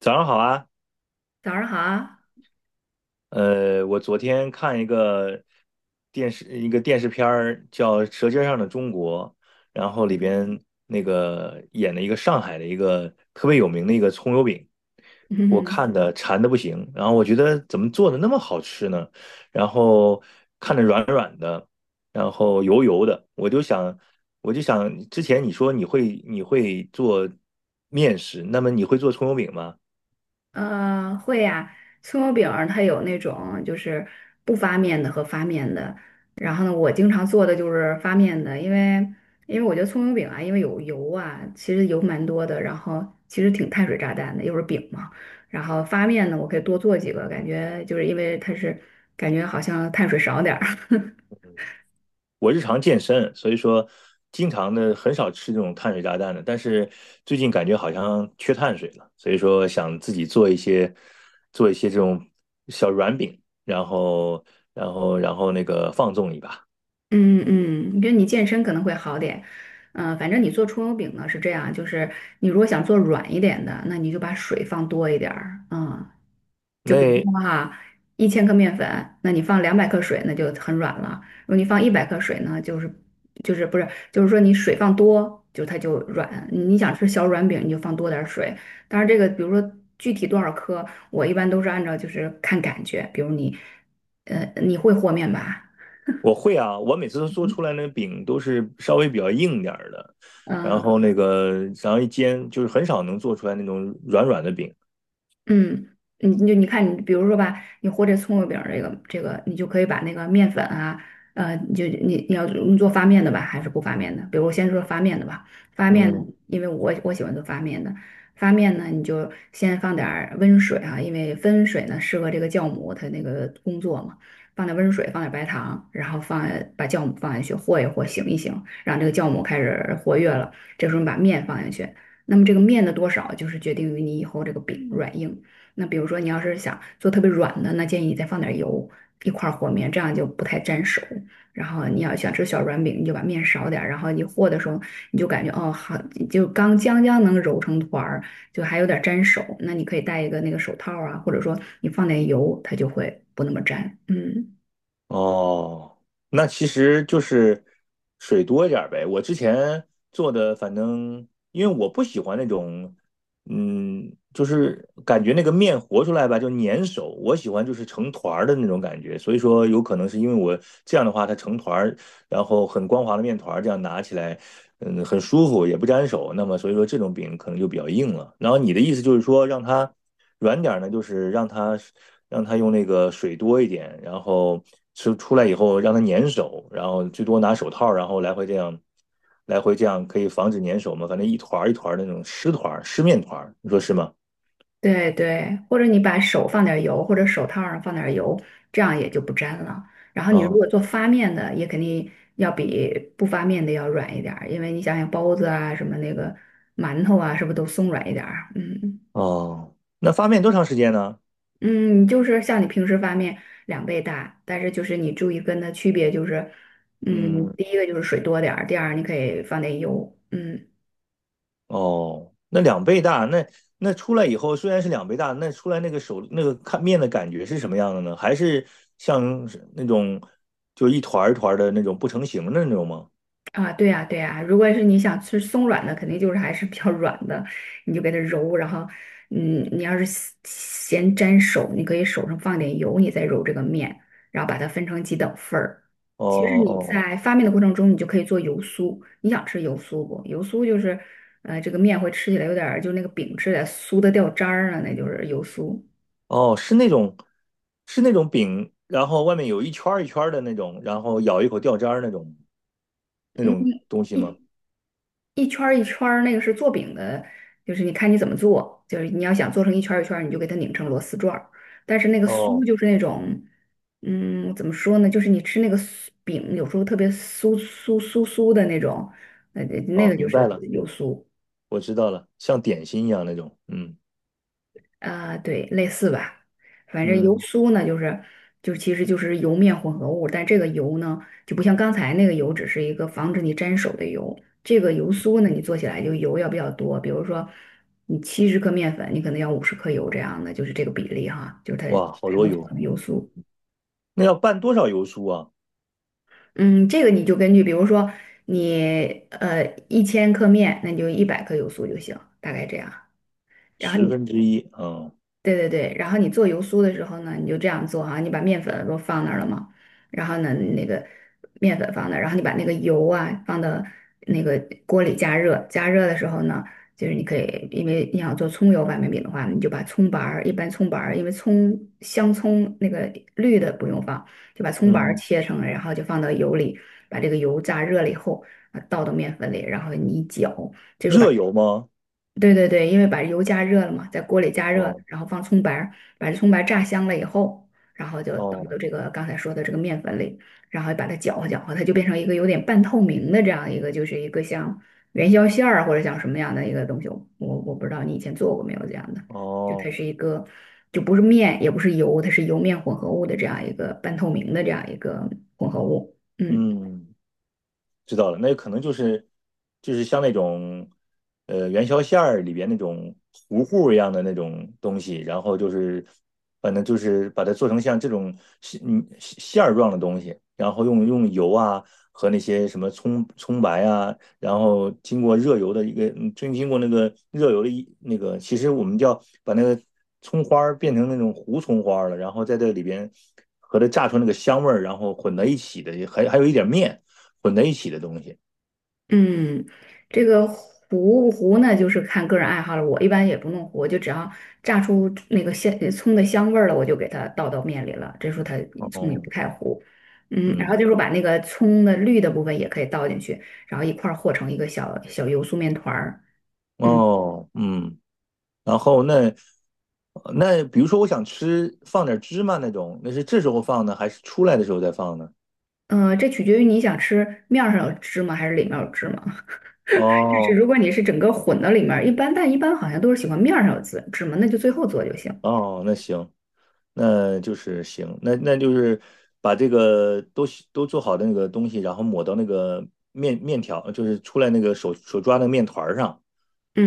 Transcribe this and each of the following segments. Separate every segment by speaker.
Speaker 1: 早上好啊，
Speaker 2: 早上好啊。
Speaker 1: 我昨天看一个电视片儿叫《舌尖上的中国》，然后里
Speaker 2: 嗯。
Speaker 1: 边那个演了一个上海的一个特别有名的一个葱油饼，我
Speaker 2: 嗯。
Speaker 1: 看的馋的不行，然后我觉得怎么做的那么好吃呢？然后看着软软的，然后油油的，我就想之前你说你会做面食，那么你会做葱油饼吗？
Speaker 2: 会呀、葱油饼儿它有那种就是不发面的和发面的。然后呢，我经常做的就是发面的，因为我觉得葱油饼啊，因为有油啊，其实油蛮多的，然后其实挺碳水炸弹的，又是饼嘛。然后发面呢，我可以多做几个，感觉就是因为它是感觉好像碳水少点儿。
Speaker 1: 我日常健身，所以说经常的很少吃这种碳水炸弹的。但是最近感觉好像缺碳水了，所以说想自己做一些这种小软饼，然后那个放纵一把。
Speaker 2: 嗯嗯，你觉得你健身可能会好点。嗯，反正你做葱油饼呢是这样，就是你如果想做软一点的，那你就把水放多一点儿。嗯，就比如
Speaker 1: 那
Speaker 2: 说哈，1千克面粉，那你放200克水，那就很软了；如果你放100克水呢，就是就是不是就是说你水放多，就它就软。你想吃小软饼，你就放多点儿水。当然这个比如说具体多少克，我一般都是按照就是看感觉，比如你，你会和面吧？
Speaker 1: 我会啊，我每次都做出来那个饼都是稍微比较硬点儿的，然
Speaker 2: 嗯。
Speaker 1: 后那个然后一煎就是很少能做出来那种软软的饼。
Speaker 2: 嗯，你看，你比如说吧，你和这葱油饼儿这个，你就可以把那个面粉啊，你就你你要你做发面的吧，还是不发面的？比如我先说发面的吧。发面呢，
Speaker 1: 嗯，
Speaker 2: 因为我喜欢做发面的。发面呢，你就先放点儿温水啊，因为温水呢适合这个酵母它那个工作嘛。放点温水，放点白糖，然后放把酵母放下去和一和，醒一醒，让这个酵母开始活跃了，这时候你把面放下去。那么这个面的多少，就是决定于你以后这个饼软硬。那比如说你要是想做特别软的，那建议你再放点油一块儿和面，这样就不太粘手。然后你要想吃小软饼，你就把面少点儿，然后你和的时候你就感觉哦好，就刚将将能揉成团儿，就还有点粘手。那你可以戴一个那个手套啊，或者说你放点油，它就会不那么粘。嗯。
Speaker 1: 哦，那其实就是水多一点儿呗。我之前做的，反正因为我不喜欢那种，嗯，就是感觉那个面和出来吧，就粘手。我喜欢就是成团儿的那种感觉，所以说有可能是因为我这样的话，它成团儿然后很光滑的面团这样拿起来，嗯，很舒服，也不粘手。那么所以说这种饼可能就比较硬了。然后你的意思就是说让它软点呢，就是让它用那个水多一点，然后吃出来以后让它粘手，然后最多拿手套，然后来回这样可以防止粘手嘛。反正一团儿一团儿那种湿团儿、湿面团儿，你说是吗？
Speaker 2: 对对，或者你把手放点儿油，或者手套上放点儿油，这样也就不粘了。然后你如
Speaker 1: 哦
Speaker 2: 果做发面的，也肯定要比不发面的要软一点儿，因为你想想包子啊，什么那个馒头啊，是不是都松软一点儿？嗯
Speaker 1: 哦，那发面多长时间呢？
Speaker 2: 嗯，就是像你平时发面两倍大，但是就是你注意跟它区别就是，嗯，
Speaker 1: 嗯，
Speaker 2: 第一个就是水多点儿，第二你可以放点油。嗯。
Speaker 1: 哦，那两倍大，那出来以后虽然是两倍大，那出来那个手那个看面的感觉是什么样的呢？还是像是那种就一团儿一团儿的那种不成形的那种吗？
Speaker 2: 啊，对呀，对呀，如果是你想吃松软的，肯定就是还是比较软的，你就给它揉。然后，嗯，你要是嫌粘手，你可以手上放点油，你再揉这个面，然后把它分成几等份儿。
Speaker 1: 哦
Speaker 2: 其实你
Speaker 1: 哦
Speaker 2: 在发面的过程中，你就可以做油酥。你想吃油酥不？油酥就是，这个面会吃起来有点儿就那个饼吃起来酥的掉渣儿了，那就是油酥。
Speaker 1: 哦，是那种饼，然后外面有一圈儿一圈儿的那种，然后咬一口掉渣儿那种东西吗？
Speaker 2: 一圈儿一圈儿，那个是做饼的，就是你看你怎么做，就是你要想做成一圈儿一圈儿，你就给它拧成螺丝转儿。但是那个酥
Speaker 1: 哦
Speaker 2: 就是那种，嗯，怎么说呢？就是你吃那个酥饼，有时候特别酥酥的那种，那
Speaker 1: 哦，
Speaker 2: 个就
Speaker 1: 明白
Speaker 2: 是
Speaker 1: 了，
Speaker 2: 油酥。
Speaker 1: 我知道了，像点心一样那种。嗯
Speaker 2: 啊、对，类似吧。反正油
Speaker 1: 嗯，
Speaker 2: 酥呢，就是就其实就是油面混合物。但这个油呢，就不像刚才那个油，只是一个防止你沾手的油。这个油酥呢，你做起来就油要比较多，比如说你70克面粉，你可能要50克油这样的，就是这个比例哈，就是它
Speaker 1: 哇，好
Speaker 2: 才
Speaker 1: 多
Speaker 2: 能做
Speaker 1: 油，
Speaker 2: 成油酥。
Speaker 1: 那要拌多少油酥啊？
Speaker 2: 嗯，这个你就根据，比如说你一千克面，那你就100克油酥就行，大概这样。然后
Speaker 1: 十
Speaker 2: 你。
Speaker 1: 分之一，啊。
Speaker 2: 对对对，然后你做油酥的时候呢，你就这样做哈，你把面粉不放那儿了吗？然后呢，那个面粉放那儿，然后你把那个油啊放到那个锅里加热。加热的时候呢，就是你可以，因为你想做葱油板面饼的话，你就把葱白儿，一般葱白儿，因为葱香葱那个绿的不用放，就把葱白儿
Speaker 1: 嗯，
Speaker 2: 切成了，然后就放到油里，把这个油炸热了以后，啊倒到面粉里，然后你一搅。
Speaker 1: 热油吗？
Speaker 2: 对对对，因为把油加热了嘛，在锅里加热，
Speaker 1: 哦
Speaker 2: 然后放葱白儿，把这葱白儿炸香了以后，然后就倒到
Speaker 1: 哦
Speaker 2: 这个刚才说的这个面粉里，然后把它搅和搅和，它就变成一个有点半透明的这样一个，就是一个像元宵馅儿啊或者像什么样的一个东西。我不知道你以前做过没有这样的，就它
Speaker 1: 哦，
Speaker 2: 是一个就不是面也不是油，它是油面混合物的这样一个半透明的这样一个混合物。嗯。
Speaker 1: 嗯，知道了，那可能就是像那种元宵馅儿里边那种糊糊一样的那种东西，然后就是反正就是把它做成像这种馅馅儿状的东西，然后用油啊和那些什么葱白啊，然后经过热油的一个，经过那个热油的一那个，其实我们叫把那个葱花儿变成那种糊葱花儿了，然后在这里边和它炸出那个香味儿，然后混在一起的，还有一点面。混在一起的东西。
Speaker 2: 嗯，这个糊不糊呢，就是看个人爱好了。我一般也不弄糊，我就只要炸出那个香葱的香味儿了，我就给它倒到面里了。这时候它葱也
Speaker 1: 哦，
Speaker 2: 不太糊。嗯，然后
Speaker 1: 嗯，
Speaker 2: 就是把那个葱的绿的部分也可以倒进去，然后一块儿和成一个小小油酥面团儿。嗯，
Speaker 1: 哦，嗯，然后那比如说我想吃放点芝麻那种，那是这时候放呢，还是出来的时候再放呢？
Speaker 2: 这取决于你想吃面儿上有芝麻还是里面有芝麻。就是
Speaker 1: 哦
Speaker 2: 如果你是整个混到里面儿，一般但一般好像都是喜欢面儿上有芝麻，那就最后做就行。
Speaker 1: 哦，那行，那就是行，那就是把这个都做好的那个东西，然后抹到那个面条，就是出来那个手抓的面团儿上，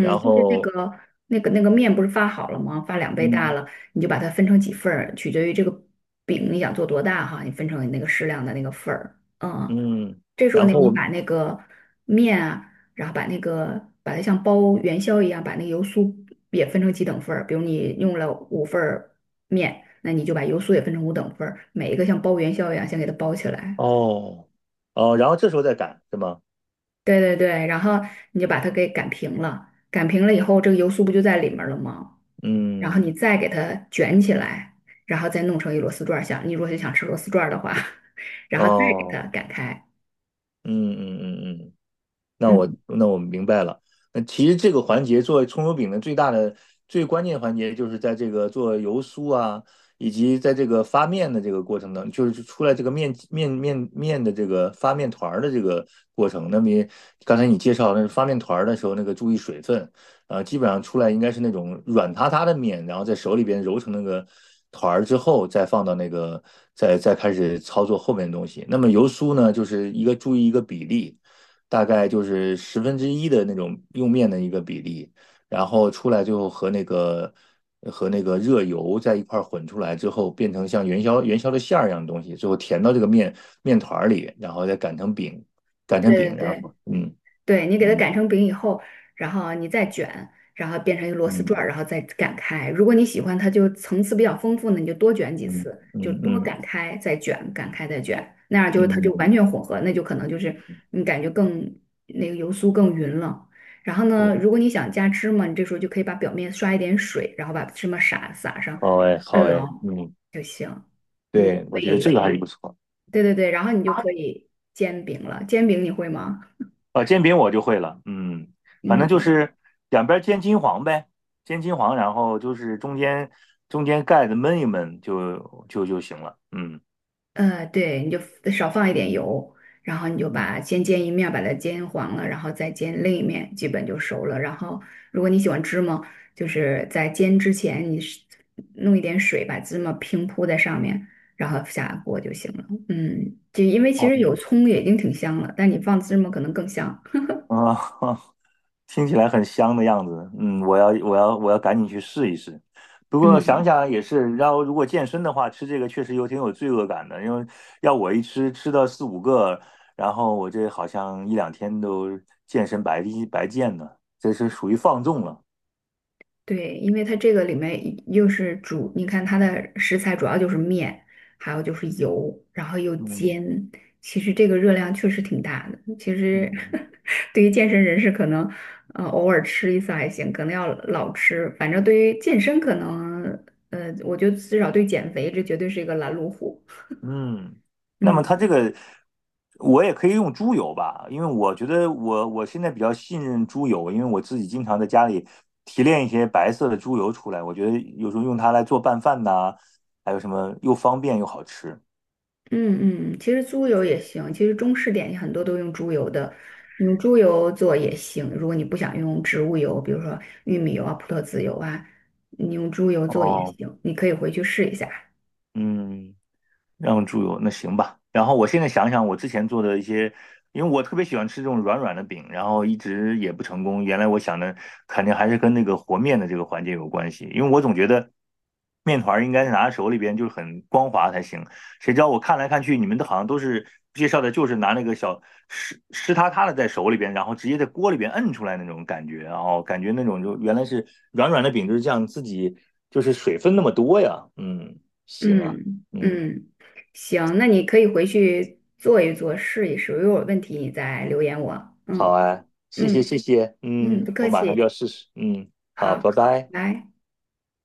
Speaker 1: 然
Speaker 2: 就是那
Speaker 1: 后
Speaker 2: 个那个面不是发好了吗？发两倍大
Speaker 1: 嗯
Speaker 2: 了，你就把它分成几份儿，取决于这个饼你想做多大哈，你分成那个适量的那个份儿。嗯，
Speaker 1: 嗯，
Speaker 2: 这时候
Speaker 1: 然
Speaker 2: 呢，
Speaker 1: 后
Speaker 2: 你
Speaker 1: 我
Speaker 2: 把那个面啊，然后把那个把它像包元宵一样，把那个油酥也分成几等份儿。比如你用了5份儿面，那你就把油酥也分成5等份儿，每一个像包元宵一样，先给它包起来。
Speaker 1: 哦哦，然后这时候再擀是吗？
Speaker 2: 对对对，然后你就把它给擀平了，擀平了以后，这个油酥不就在里面了吗？然后你
Speaker 1: 嗯
Speaker 2: 再给它卷起来，然后再弄成一螺丝转儿。像你如果想吃螺丝转儿的话，然后再给
Speaker 1: 哦，
Speaker 2: 它擀开。
Speaker 1: 嗯嗯嗯嗯，那我
Speaker 2: 嗯，
Speaker 1: 那我明白了。那其实这个环节做葱油饼的最大的最关键环节，就是在这个做油酥啊，以及在这个发面的这个过程当中，就是出来这个面的这个发面团儿的这个过程。那么也刚才你介绍那是发面团儿的时候，那个注意水分，基本上出来应该是那种软塌塌的面，然后在手里边揉成那个团儿之后，再放到那个再开始操作后面的东西。那么油酥呢，就是一个注意一个比例。大概就是十分之一的那种用面的一个比例，然后出来最后和那个和那个热油在一块儿混出来之后，变成像元宵的馅儿一样的东西，最后填到这个面团儿里，然后再擀成饼，擀成
Speaker 2: 对对
Speaker 1: 饼，然
Speaker 2: 对。
Speaker 1: 后嗯
Speaker 2: 对你给它
Speaker 1: 嗯
Speaker 2: 擀成饼以后，然后你再卷，然后变成一个螺丝转儿，
Speaker 1: 嗯
Speaker 2: 然后再擀开。如果你喜欢它就层次比较丰富呢，你就多卷几
Speaker 1: 嗯
Speaker 2: 次，就
Speaker 1: 嗯
Speaker 2: 多
Speaker 1: 嗯
Speaker 2: 擀开再卷，擀开再卷，那样就它
Speaker 1: 嗯，
Speaker 2: 就完
Speaker 1: 嗯
Speaker 2: 全混合，那就可能就是你感觉更那个油酥更匀了。然后
Speaker 1: 对，
Speaker 2: 呢，如果你想加芝麻，你这时候就可以把表面刷一点水，然后把芝麻撒上，
Speaker 1: 好哎好
Speaker 2: 摁牢
Speaker 1: 哎，嗯，
Speaker 2: 就行，你就
Speaker 1: 对，
Speaker 2: 可
Speaker 1: 我觉得这
Speaker 2: 以，
Speaker 1: 个还是不错。
Speaker 2: 对对对，然后你就可以煎饼了。煎饼你会吗？
Speaker 1: 啊，煎饼我就会了，嗯，反正就
Speaker 2: 嗯。
Speaker 1: 是两边煎金黄呗，煎金黄，然后就是中间盖子焖一焖就行了，嗯
Speaker 2: 对，你就 少放一点油，然后你就
Speaker 1: 嗯，
Speaker 2: 把先煎一面，把它煎黄了，然后再煎另一面，基本就熟了。然后，如果你喜欢芝麻，就是在煎之前，你是弄一点水把芝麻平铺在上面，然后下锅就行了。嗯，就因为其
Speaker 1: 哦，
Speaker 2: 实有葱也已经挺香了，但你放芝麻可能更香。
Speaker 1: 啊，听起来很香的样子，嗯，我要赶紧去试一试。不过想
Speaker 2: 嗯
Speaker 1: 想也是，然后如果健身的话，吃这个确实有挺有罪恶感的，因为要我一吃到四五个，然后我这好像一两天都健身白白健呢，这是属于放纵了，
Speaker 2: 对，因为它这个里面又是主，你看它的食材主要就是面，还有就是油，然后又
Speaker 1: 嗯。
Speaker 2: 煎，其实这个热量确实挺大的。其
Speaker 1: 嗯
Speaker 2: 实 对于健身人士，可能偶尔吃一次还行，可能要老吃。反正对于健身，可能，我觉得至少对减肥，这绝对是一个拦路虎。
Speaker 1: 嗯，那么它这
Speaker 2: 嗯。
Speaker 1: 个我也可以用猪油吧，因为我觉得我现在比较信任猪油，因为我自己经常在家里提炼一些白色的猪油出来，我觉得有时候用它来做拌饭呐，还有什么又方便又好吃。
Speaker 2: 嗯嗯，其实猪油也行，其实中式点心很多都用猪油的，你用猪油做也行。如果你不想用植物油，比如说玉米油啊、葡萄籽油啊，你用猪油做也
Speaker 1: 哦，
Speaker 2: 行，你可以回去试一下。
Speaker 1: 嗯，让猪油，那行吧。然后我现在想想，我之前做的一些，因为我特别喜欢吃这种软软的饼，然后一直也不成功。原来我想的肯定还是跟那个和面的这个环节有关系，因为我总觉得面团儿应该是拿在手里边就是很光滑才行。谁知道我看来看去，你们都好像都是介绍的，就是拿那个小湿湿塌塌的在手里边，然后直接在锅里边摁出来那种感觉，然后感觉那种就原来是软软的饼就是这样，自己就是水分那么多呀。嗯，行啊，
Speaker 2: 嗯
Speaker 1: 嗯。
Speaker 2: 嗯，行，那你可以回去做一做，试一试。如果有问题，你再留言我。
Speaker 1: 好
Speaker 2: 嗯
Speaker 1: 啊，谢谢
Speaker 2: 嗯
Speaker 1: 谢谢，
Speaker 2: 嗯，
Speaker 1: 嗯，
Speaker 2: 不
Speaker 1: 我
Speaker 2: 客
Speaker 1: 马上就要
Speaker 2: 气。
Speaker 1: 试试，嗯，好，
Speaker 2: 好。
Speaker 1: 拜拜。
Speaker 2: 来。